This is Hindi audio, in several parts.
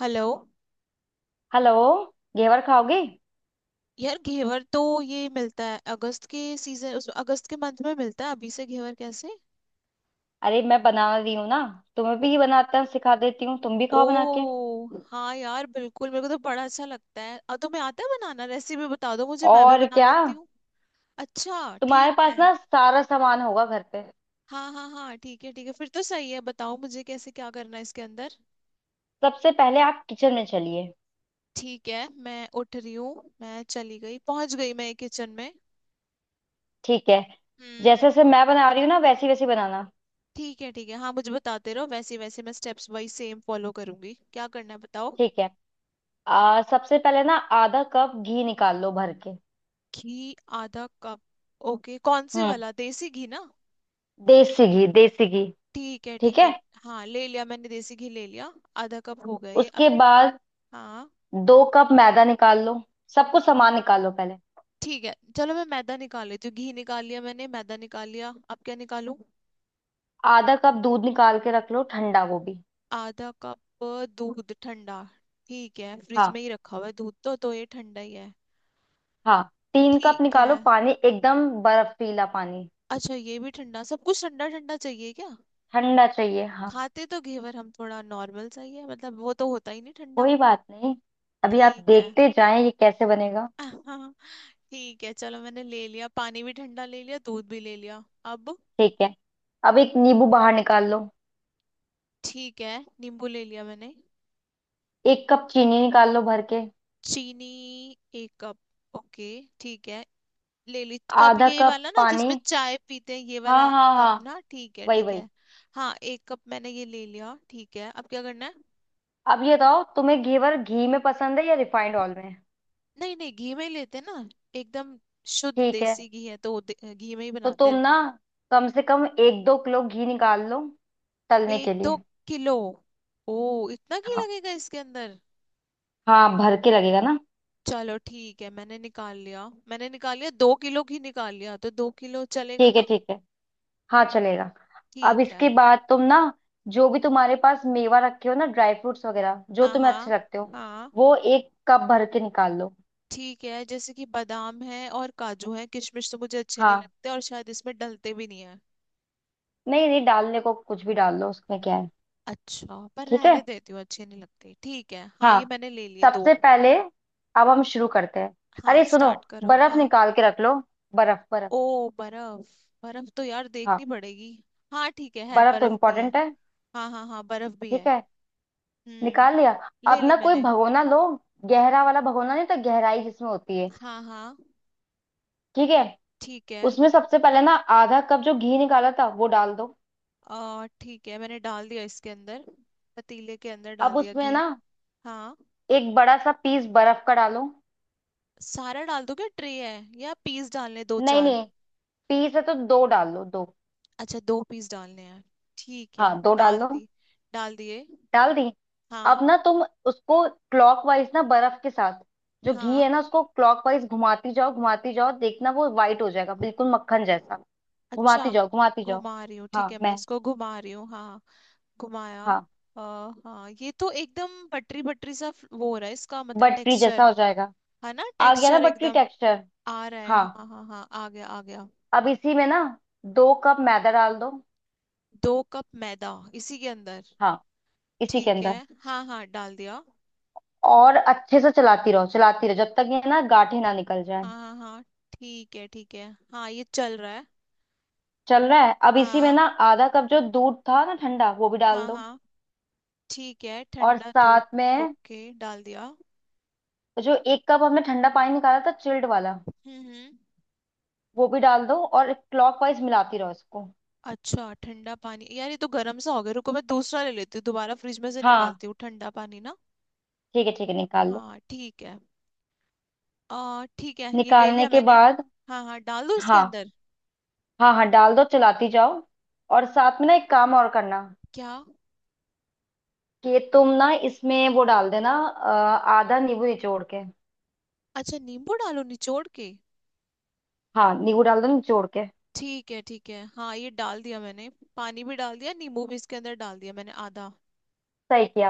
हेलो। हेलो। घेवर खाओगे? यार घेवर तो ये मिलता है अगस्त के सीजन उस अगस्त के मंथ में मिलता है। अभी से घेवर कैसे। अरे मैं बना रही हूँ ना। तुम्हें ओ, भी बनाता सिखा देती हूँ, तुम भी ओ। खाओ बना के। हाँ यार बिल्कुल, मेरे को तो बड़ा अच्छा लगता है। और तुम्हें आता है बनाना, रेसिपी बता दो मुझे, मैं भी और बना क्या, लेती हूँ। अच्छा। ठीक तुम्हारे पास है। ना सारा सामान होगा घर पे। हाँ, हाँ, हाँ, ठीक है, ठीक है, फिर तो सही है। बताओ मुझे कैसे क्या करना है इसके अंदर। सबसे पहले आप किचन में चलिए। ठीक है, मैं उठ रही हूँ, मैं चली गई, पहुंच गई मैं किचन में। ठीक है, हम्म। जैसे जैसे मैं बना रही हूँ ना वैसी वैसी बनाना। ठीक है, ठीक है, हाँ मुझे बताते रहो, वैसे वैसे मैं स्टेप्स वाइज सेम फॉलो करूंगी। क्या करना है बताओ। ठीक है। सबसे पहले ना आधा कप घी निकाल लो भर के। घी। आधा कप। ओके, कौन से हम्म। वाला, देसी घी ना। देसी घी देसी घी। ठीक है, ठीक ठीक है। है। हाँ, ले लिया मैंने, देसी घी ले लिया। आधा कप हो गया ये अब। उसके बाद हाँ। 2 कप मैदा निकाल लो, सब कुछ सामान निकाल लो पहले। ठीक है, चलो मैं मैदा निकाल लेती हूँ। घी निकाल लिया मैंने, मैदा निकाल लिया, अब क्या निकालूं। आधा कप दूध निकाल के रख लो ठंडा, वो भी। आधा कप। दूध ठंडा। ठीक है, फ्रिज हाँ, में ही रखा हुआ है दूध, तो ये ठंडा ही है। हाँ। 3 कप ठीक है। निकालो पानी, एकदम बर्फीला पानी। अच्छा ये भी ठंडा, सब कुछ ठंडा ठंडा चाहिए क्या। ठंडा चाहिए हाँ। खाते तो घेवर हम थोड़ा नॉर्मल चाहिए, मतलब वो तो होता ही नहीं ठंडा। कोई बात नहीं, अभी आप ठीक है। देखते जाएं ये कैसे बनेगा। ठीक है, चलो मैंने ले लिया, पानी भी ठंडा ले लिया, दूध भी ले लिया। अब। ठीक है। अब एक नींबू बाहर निकाल लो। ठीक है। नींबू ले लिया मैंने। 1 कप चीनी निकाल लो भर के। चीनी। एक कप। ओके। ठीक है। ले ली कप, आधा यही कप वाला ना पानी। जिसमें चाय पीते हैं, ये वाला। हाँ हाँ कप हाँ। ना, ठीक है, वही ठीक वही। है। हाँ एक कप मैंने ये ले लिया, ठीक है, अब क्या करना है। अब ये बताओ तुम्हें घेवर घी में पसंद है या रिफाइंड ऑयल में। नहीं, नहीं, घी में ही लेते हैं ना, एकदम शुद्ध ठीक है, देसी घी है, तो घी में ही तो बनाते तुम हैं। ना कम से कम एक दो किलो घी निकाल लो तलने के एक दो लिए। किलो। ओ, इतना घी हाँ, लगेगा इसके अंदर। हाँ भर के लगेगा ना। चलो ठीक है, मैंने निकाल लिया, मैंने निकाल लिया 2 किलो ही निकाल लिया, तो 2 किलो चलेगा ठीक है ना। ठीक है। हाँ चलेगा। अब ठीक है। इसके बाद तुम ना जो भी तुम्हारे पास मेवा रखे हो ना, ड्राई फ्रूट्स वगैरह, जो हाँ, तुम्हें अच्छे हाँ, लगते हो हाँ। वो 1 कप भर के निकाल लो। ठीक है, जैसे कि बादाम है और काजू है, किशमिश तो मुझे अच्छे नहीं हाँ। लगते, और शायद इसमें डलते भी नहीं है। नहीं नहीं, डालने को कुछ भी डाल लो, उसमें क्या है। अच्छा, पर ठीक है। रहने देती हूँ, अच्छे नहीं लगते। ठीक है, हाँ हाँ। ये मैंने ले लिए दो। सबसे पहले अब हम शुरू करते हैं। हाँ अरे सुनो, स्टार्ट करो, बर्फ हाँ। निकाल के रख लो, बर्फ बर्फ। ओ बर्फ। बर्फ तो यार देखनी हाँ। पड़ेगी। हाँ ठीक है बर्फ तो बर्फ भी है। इम्पोर्टेंट है। हाँ, हाँ, हाँ, बर्फ भी ठीक है। है। हम्म। निकाल लिया। ले अब ली ना कोई मैंने। भगोना लो, गहरा वाला भगोना, नहीं तो गहराई जिसमें होती है। हाँ, हाँ, ठीक है। ठीक है। उसमें सबसे पहले ना आधा कप जो घी निकाला था वो डाल दो। आ ठीक है, मैंने डाल दिया इसके अंदर, पतीले के अंदर डाल अब दिया उसमें घी। ना हाँ। एक बड़ा सा पीस बर्फ का डालो। सारा डाल दो क्या, ट्रे है या पीस डालने दो नहीं चार। नहीं, पीस है तो दो डाल लो, दो। अच्छा, 2 पीस डालने हैं, ठीक है। हाँ दो डाल डाल लो। दी, डाल दिए। डाल दी। अब हाँ, ना तुम उसको क्लॉकवाइज ना, बर्फ के साथ, जो घी है हाँ। ना उसको क्लॉकवाइज घुमाती जाओ घुमाती जाओ, देखना वो वाइट हो जाएगा बिल्कुल मक्खन जैसा। अच्छा। घुमाती जाओ घुमाती जाओ। घुमा रही हूँ, हाँ ठीक है, मैं मैं। इसको घुमा रही हूँ, हाँ। घुमाया। हाँ। आ, हाँ, ये तो एकदम बटरी बटरी सा वो हो रहा है इसका, मतलब बटरी जैसा टेक्सचर। हो जाएगा। है ना, आ गया ना टेक्सचर बटरी एकदम टेक्सचर? आ रहा है, हाँ। हाँ, हाँ, हाँ, आ गया, आ गया। अब इसी में ना 2 कप मैदा डाल दो। 2 कप मैदा इसी के अंदर। हाँ, इसी के ठीक है, अंदर। हाँ, हाँ, डाल दिया। और अच्छे से चलाती रहो चलाती रहो, जब तक ये ना गांठें ना निकल हाँ, जाए। हाँ, हाँ, ठीक है, ठीक है, हाँ ये चल रहा है। चल रहा है, अब इसी में हाँ, ना आधा कप जो दूध था ना ठंडा वो भी डाल हाँ, दो। हाँ। ठीक है, और ठंडा दूध। साथ में ओके डाल दिया। जो 1 कप हमने ठंडा पानी निकाला था चिल्ड वाला, हम्म, हम्म। वो भी डाल दो और क्लॉकवाइज मिलाती रहो इसको। अच्छा ठंडा पानी, यार ये तो गर्म सा हो गया, रुको मैं दूसरा ले लेती हूँ, दोबारा फ्रिज में से हाँ। निकालती हूँ ठंडा पानी ना। ठीक है निकाल लो। हाँ ठीक है। आ ठीक है, ये ले निकालने लिया के मैंने। बाद हाँ, हाँ, डाल दो इसके हाँ अंदर। हाँ हाँ डाल दो, चलाती जाओ। और साथ में ना एक काम और करना, क्या। कि तुम ना इसमें वो डाल देना आधा नींबू निचोड़ के। अच्छा, नींबू डालो निचोड़ के। हाँ नींबू डाल दो निचोड़ के। ठीक है, ठीक है, हाँ ये डाल दिया मैंने, पानी भी डाल दिया, नींबू भी इसके अंदर डाल दिया मैंने आधा। सही किया।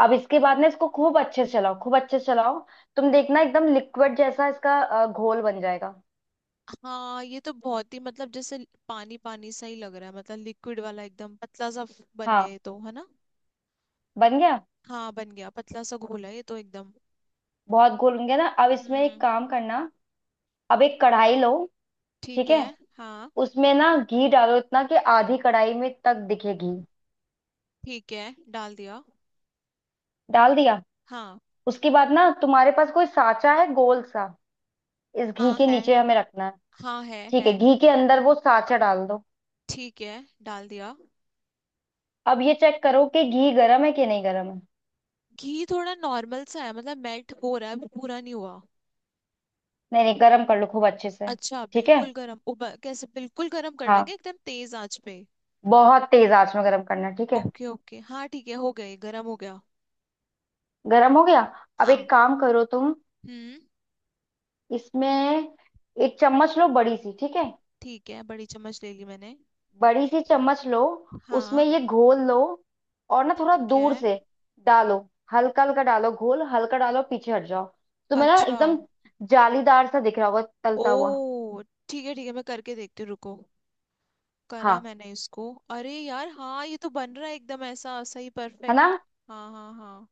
अब इसके बाद ना इसको खूब अच्छे से चलाओ खूब अच्छे से चलाओ। तुम देखना एकदम लिक्विड जैसा इसका घोल बन जाएगा। हाँ ये तो बहुत ही, मतलब जैसे पानी पानी सा ही लग रहा है, मतलब लिक्विड वाला एकदम पतला सा बन गया हाँ ये तो, है ना। बन गया। हाँ बन गया, पतला सा घोल है ये तो एकदम। बहुत घोल बन गया ना, अब इसमें एक हम्म। काम करना। अब एक कढ़ाई लो। ठीक ठीक है। है। हाँ उसमें ना घी डालो इतना कि आधी कढ़ाई में तक दिखे घी। ठीक है, डाल दिया। डाल दिया। हाँ, उसके बाद ना तुम्हारे पास कोई साचा है गोल सा, इस घी हाँ के है, नीचे हमें रखना है। हाँ है ठीक है। है, घी के अंदर वो साचा डाल दो। ठीक है डाल दिया। अब ये चेक करो कि घी गर्म है कि नहीं, गर्म है? घी थोड़ा नॉर्मल सा है, मतलब मेल्ट हो रहा है, अभी पूरा नहीं हुआ। नहीं नहीं गर्म कर लो खूब अच्छे से। अच्छा ठीक है। बिल्कुल गरम, उब कैसे बिल्कुल गरम करना है क्या, हाँ, एकदम तेज आंच पे। बहुत तेज आंच में गरम करना है, ठीक है। ओके, ओके, हाँ ठीक है, हो गए, गरम हो गया। गरम हो गया। अब हाँ। एक काम करो तुम, हम्म। इसमें एक चम्मच लो बड़ी सी, ठीक है। ठीक है, बड़ी चम्मच ले ली मैंने। बड़ी सी चम्मच लो, उसमें हाँ। ये घोल लो और ना थोड़ा ठीक दूर है। से डालो। हल्का हल्का डालो घोल, हल्का डालो, पीछे हट जाओ। तुम्हें ना अच्छा। एकदम जालीदार सा दिख रहा होगा तलता हुआ। ओ, ठीक है, ठीक है, मैं करके देखती हूँ, रुको। करा हाँ। मैंने इसको। अरे यार, हाँ ये तो बन रहा है एकदम ऐसा, सही, है ना? परफेक्ट। हाँ, हाँ, हाँ।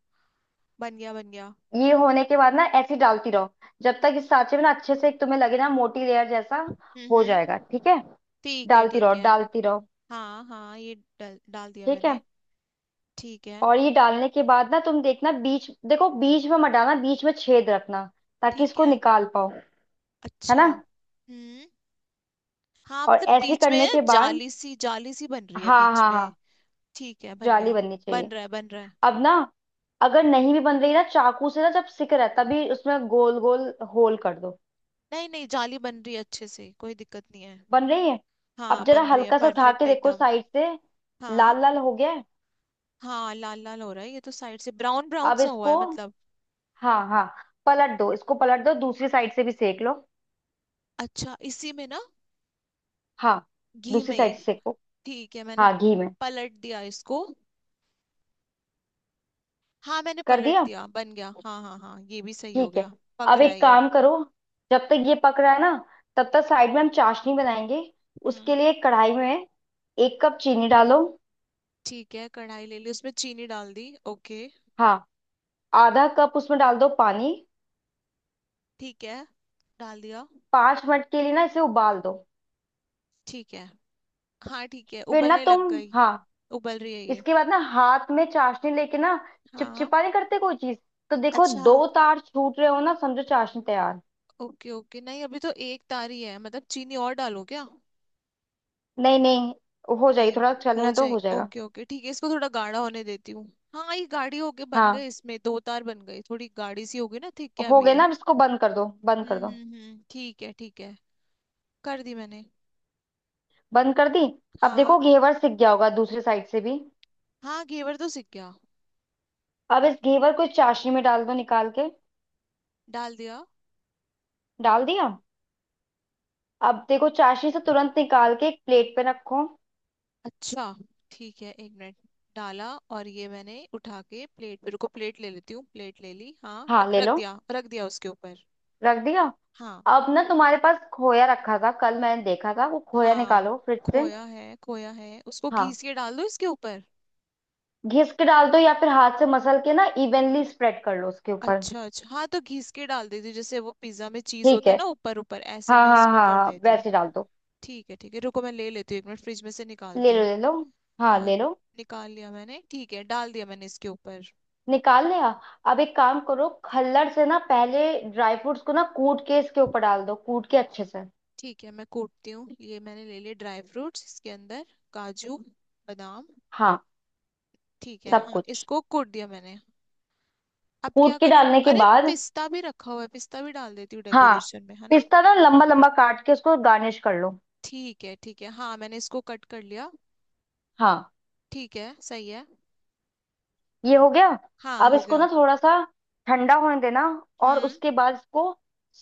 बन गया, बन गया। ये होने के बाद ना ऐसे ही डालती रहो जब तक इस सांचे में ना अच्छे से एक तुम्हें लगे ना मोटी लेयर जैसा हम्म, हो हम्म। जाएगा, ठीक है। ठीक है, डालती रहो ठीक है। डालती रहो। हाँ, हाँ ये डाल दिया ठीक मैंने। है। ठीक है, और ये डालने के बाद ना तुम देखना, बीच देखो, बीच में मत डालना, बीच में छेद रखना, ताकि ठीक इसको है। निकाल पाओ। है अच्छा, ना? हम्म। हाँ और मतलब ऐसे बीच करने के में बाद जाली सी बन रही है हाँ बीच हाँ में। हाँ ठीक है, बन जाली गया। बननी बन चाहिए। रहा है, बन रहा है। अब ना अगर नहीं भी बन रही ना चाकू से ना जब सिक रहा है तभी उसमें गोल गोल होल कर दो। नहीं, नहीं, जाली बन रही है अच्छे से, कोई दिक्कत नहीं है। बन रही है। अब हाँ जरा बन रही है, हल्का सा उठा परफेक्ट के देखो एकदम। साइड से, हाँ, लाल लाल हो गया है। हाँ, लाल लाल हो रहा है, ये तो साइड से ब्राउन ब्राउन अब सा हुआ इसको है, मतलब। हाँ हाँ पलट दो, इसको पलट दो दूसरी साइड से भी सेक लो। अच्छा, इसी में ना, हाँ घी दूसरी में साइड से ही। सेको। ठीक है, मैंने हाँ घी में। पलट दिया इसको। हाँ मैंने कर पलट दिया। दिया, बन गया, हाँ, हाँ, हाँ, ये भी सही हो ठीक गया। है। पक अब रहा है एक ये। काम करो, जब तक ये पक रहा है ना तब तक साइड में हम चाशनी बनाएंगे। उसके हम्म। लिए कढ़ाई में एक कप चीनी डालो। ठीक है, कढ़ाई ले ली, उसमें चीनी डाल दी, ओके। हाँ। आधा कप उसमें डाल दो पानी। ठीक है, डाल दिया। 5 मिनट के लिए ना इसे उबाल दो। ठीक है। हाँ ठीक है, फिर ना उबलने लग तुम गई। हाँ उबल रही है ये। इसके बाद ना हाथ में चाशनी लेके ना हाँ। चिपचिपा नहीं करते कोई चीज, तो देखो अच्छा, 2 तार छूट रहे हो ना, समझो चाशनी तैयार। ओके, ओके, नहीं अभी तो एक तारी है, मतलब चीनी और डालो क्या। नहीं नहीं, हो जाएगी, नहीं। थोड़ा हो चलने दो, जाए, हो जाएगा। ओके, ओके, ठीक है, इसको थोड़ा गाढ़ा होने देती हूँ। हाँ ये गाढ़ी होके बन हाँ गई, इसमें 2 तार बन गई, थोड़ी गाढ़ी सी होगी ना, ठीक क्या हो भी गए है। ना, अब इसको बंद कर दो बंद हम्म, कर दो। हम्म, हम्म, ठीक है, ठीक है। कर दी मैंने। बंद कर दी। अब हाँ। देखो घेवर सिक गया होगा दूसरी साइड से भी। हाँ घेवर तो सीख गया। अब इस घेवर को इस चाशनी में डाल दो निकाल के। डाल दिया। डाल दिया। अब देखो चाशनी से तुरंत निकाल के एक प्लेट पे रखो। अच्छा, ठीक है, एक मिनट। डाला। और ये मैंने उठा के प्लेट, मेरे को प्लेट ले लेती हूँ, प्लेट ले ली, हाँ, हाँ ले रख लो। दिया, रख दिया उसके ऊपर। रख दिया। हाँ, अब ना तुम्हारे पास खोया रखा था, कल मैंने देखा था, वो खोया हाँ। निकालो फ्रिज से। खोया है, खोया है उसको हाँ घिस के डाल दो इसके ऊपर। घिस के डाल दो, या फिर हाथ से मसल के ना इवनली स्प्रेड कर लो उसके ऊपर। अच्छा, अच्छा, हाँ तो घिस के डाल देती हूँ, जैसे वो पिज्जा में चीज ठीक होता है। है ना, ऊपर ऊपर ऐसे हाँ मैं हाँ इसको हाँ कर हाँ देती हूँ। वैसे डाल दो। ठीक है, ठीक है, रुको मैं ले लेती हूँ, एक मिनट फ्रिज में से ले निकालती लो हूँ। ले लो। हाँ और ले लो। निकाल लिया मैंने, ठीक है, डाल दिया मैंने इसके ऊपर। निकाल लिया। अब एक काम करो, खल्लड़ से ना पहले ड्राई फ्रूट्स को ना कूट के इसके ऊपर डाल दो, कूट के अच्छे से। ठीक है मैं कूटती हूँ, ये मैंने ले लिए ड्राई फ्रूट्स इसके अंदर। काजू। बादाम। हाँ। ठीक है, सब हाँ कुछ। इसको कूट दिया मैंने। अब क्या कूट के करूँ, डालने के अरे बाद पिस्ता भी रखा हुआ है, पिस्ता भी डाल देती हूँ हाँ, डेकोरेशन में है ना। पिस्ता ना लंबा लंबा काट के उसको गार्निश कर लो। ठीक है, ठीक है, हाँ मैंने इसको कट कर लिया। हाँ। ठीक है, सही है। ये हो गया। हाँ अब हो इसको गया। ना थोड़ा सा ठंडा होने देना, और हम्म। उसके बाद इसको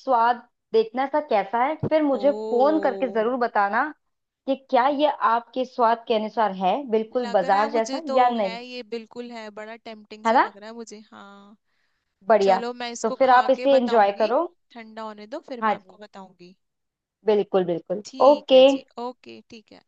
स्वाद देखना इसका कैसा है, फिर मुझे फोन ओ। करके जरूर बताना कि क्या ये आपके स्वाद के अनुसार है बिल्कुल लग रहा बाजार है मुझे जैसा तो, या है नहीं। ये बिल्कुल, है बड़ा टेम्पटिंग है सा ना? लग रहा है मुझे, हाँ। बढ़िया। चलो मैं तो इसको फिर खा आप के इसे एंजॉय बताऊंगी। करो। ठंडा होने दो फिर मैं हाँ आपको जी, बताऊंगी। बिल्कुल बिल्कुल। ठीक ओके। है जी, ओके, ठीक है।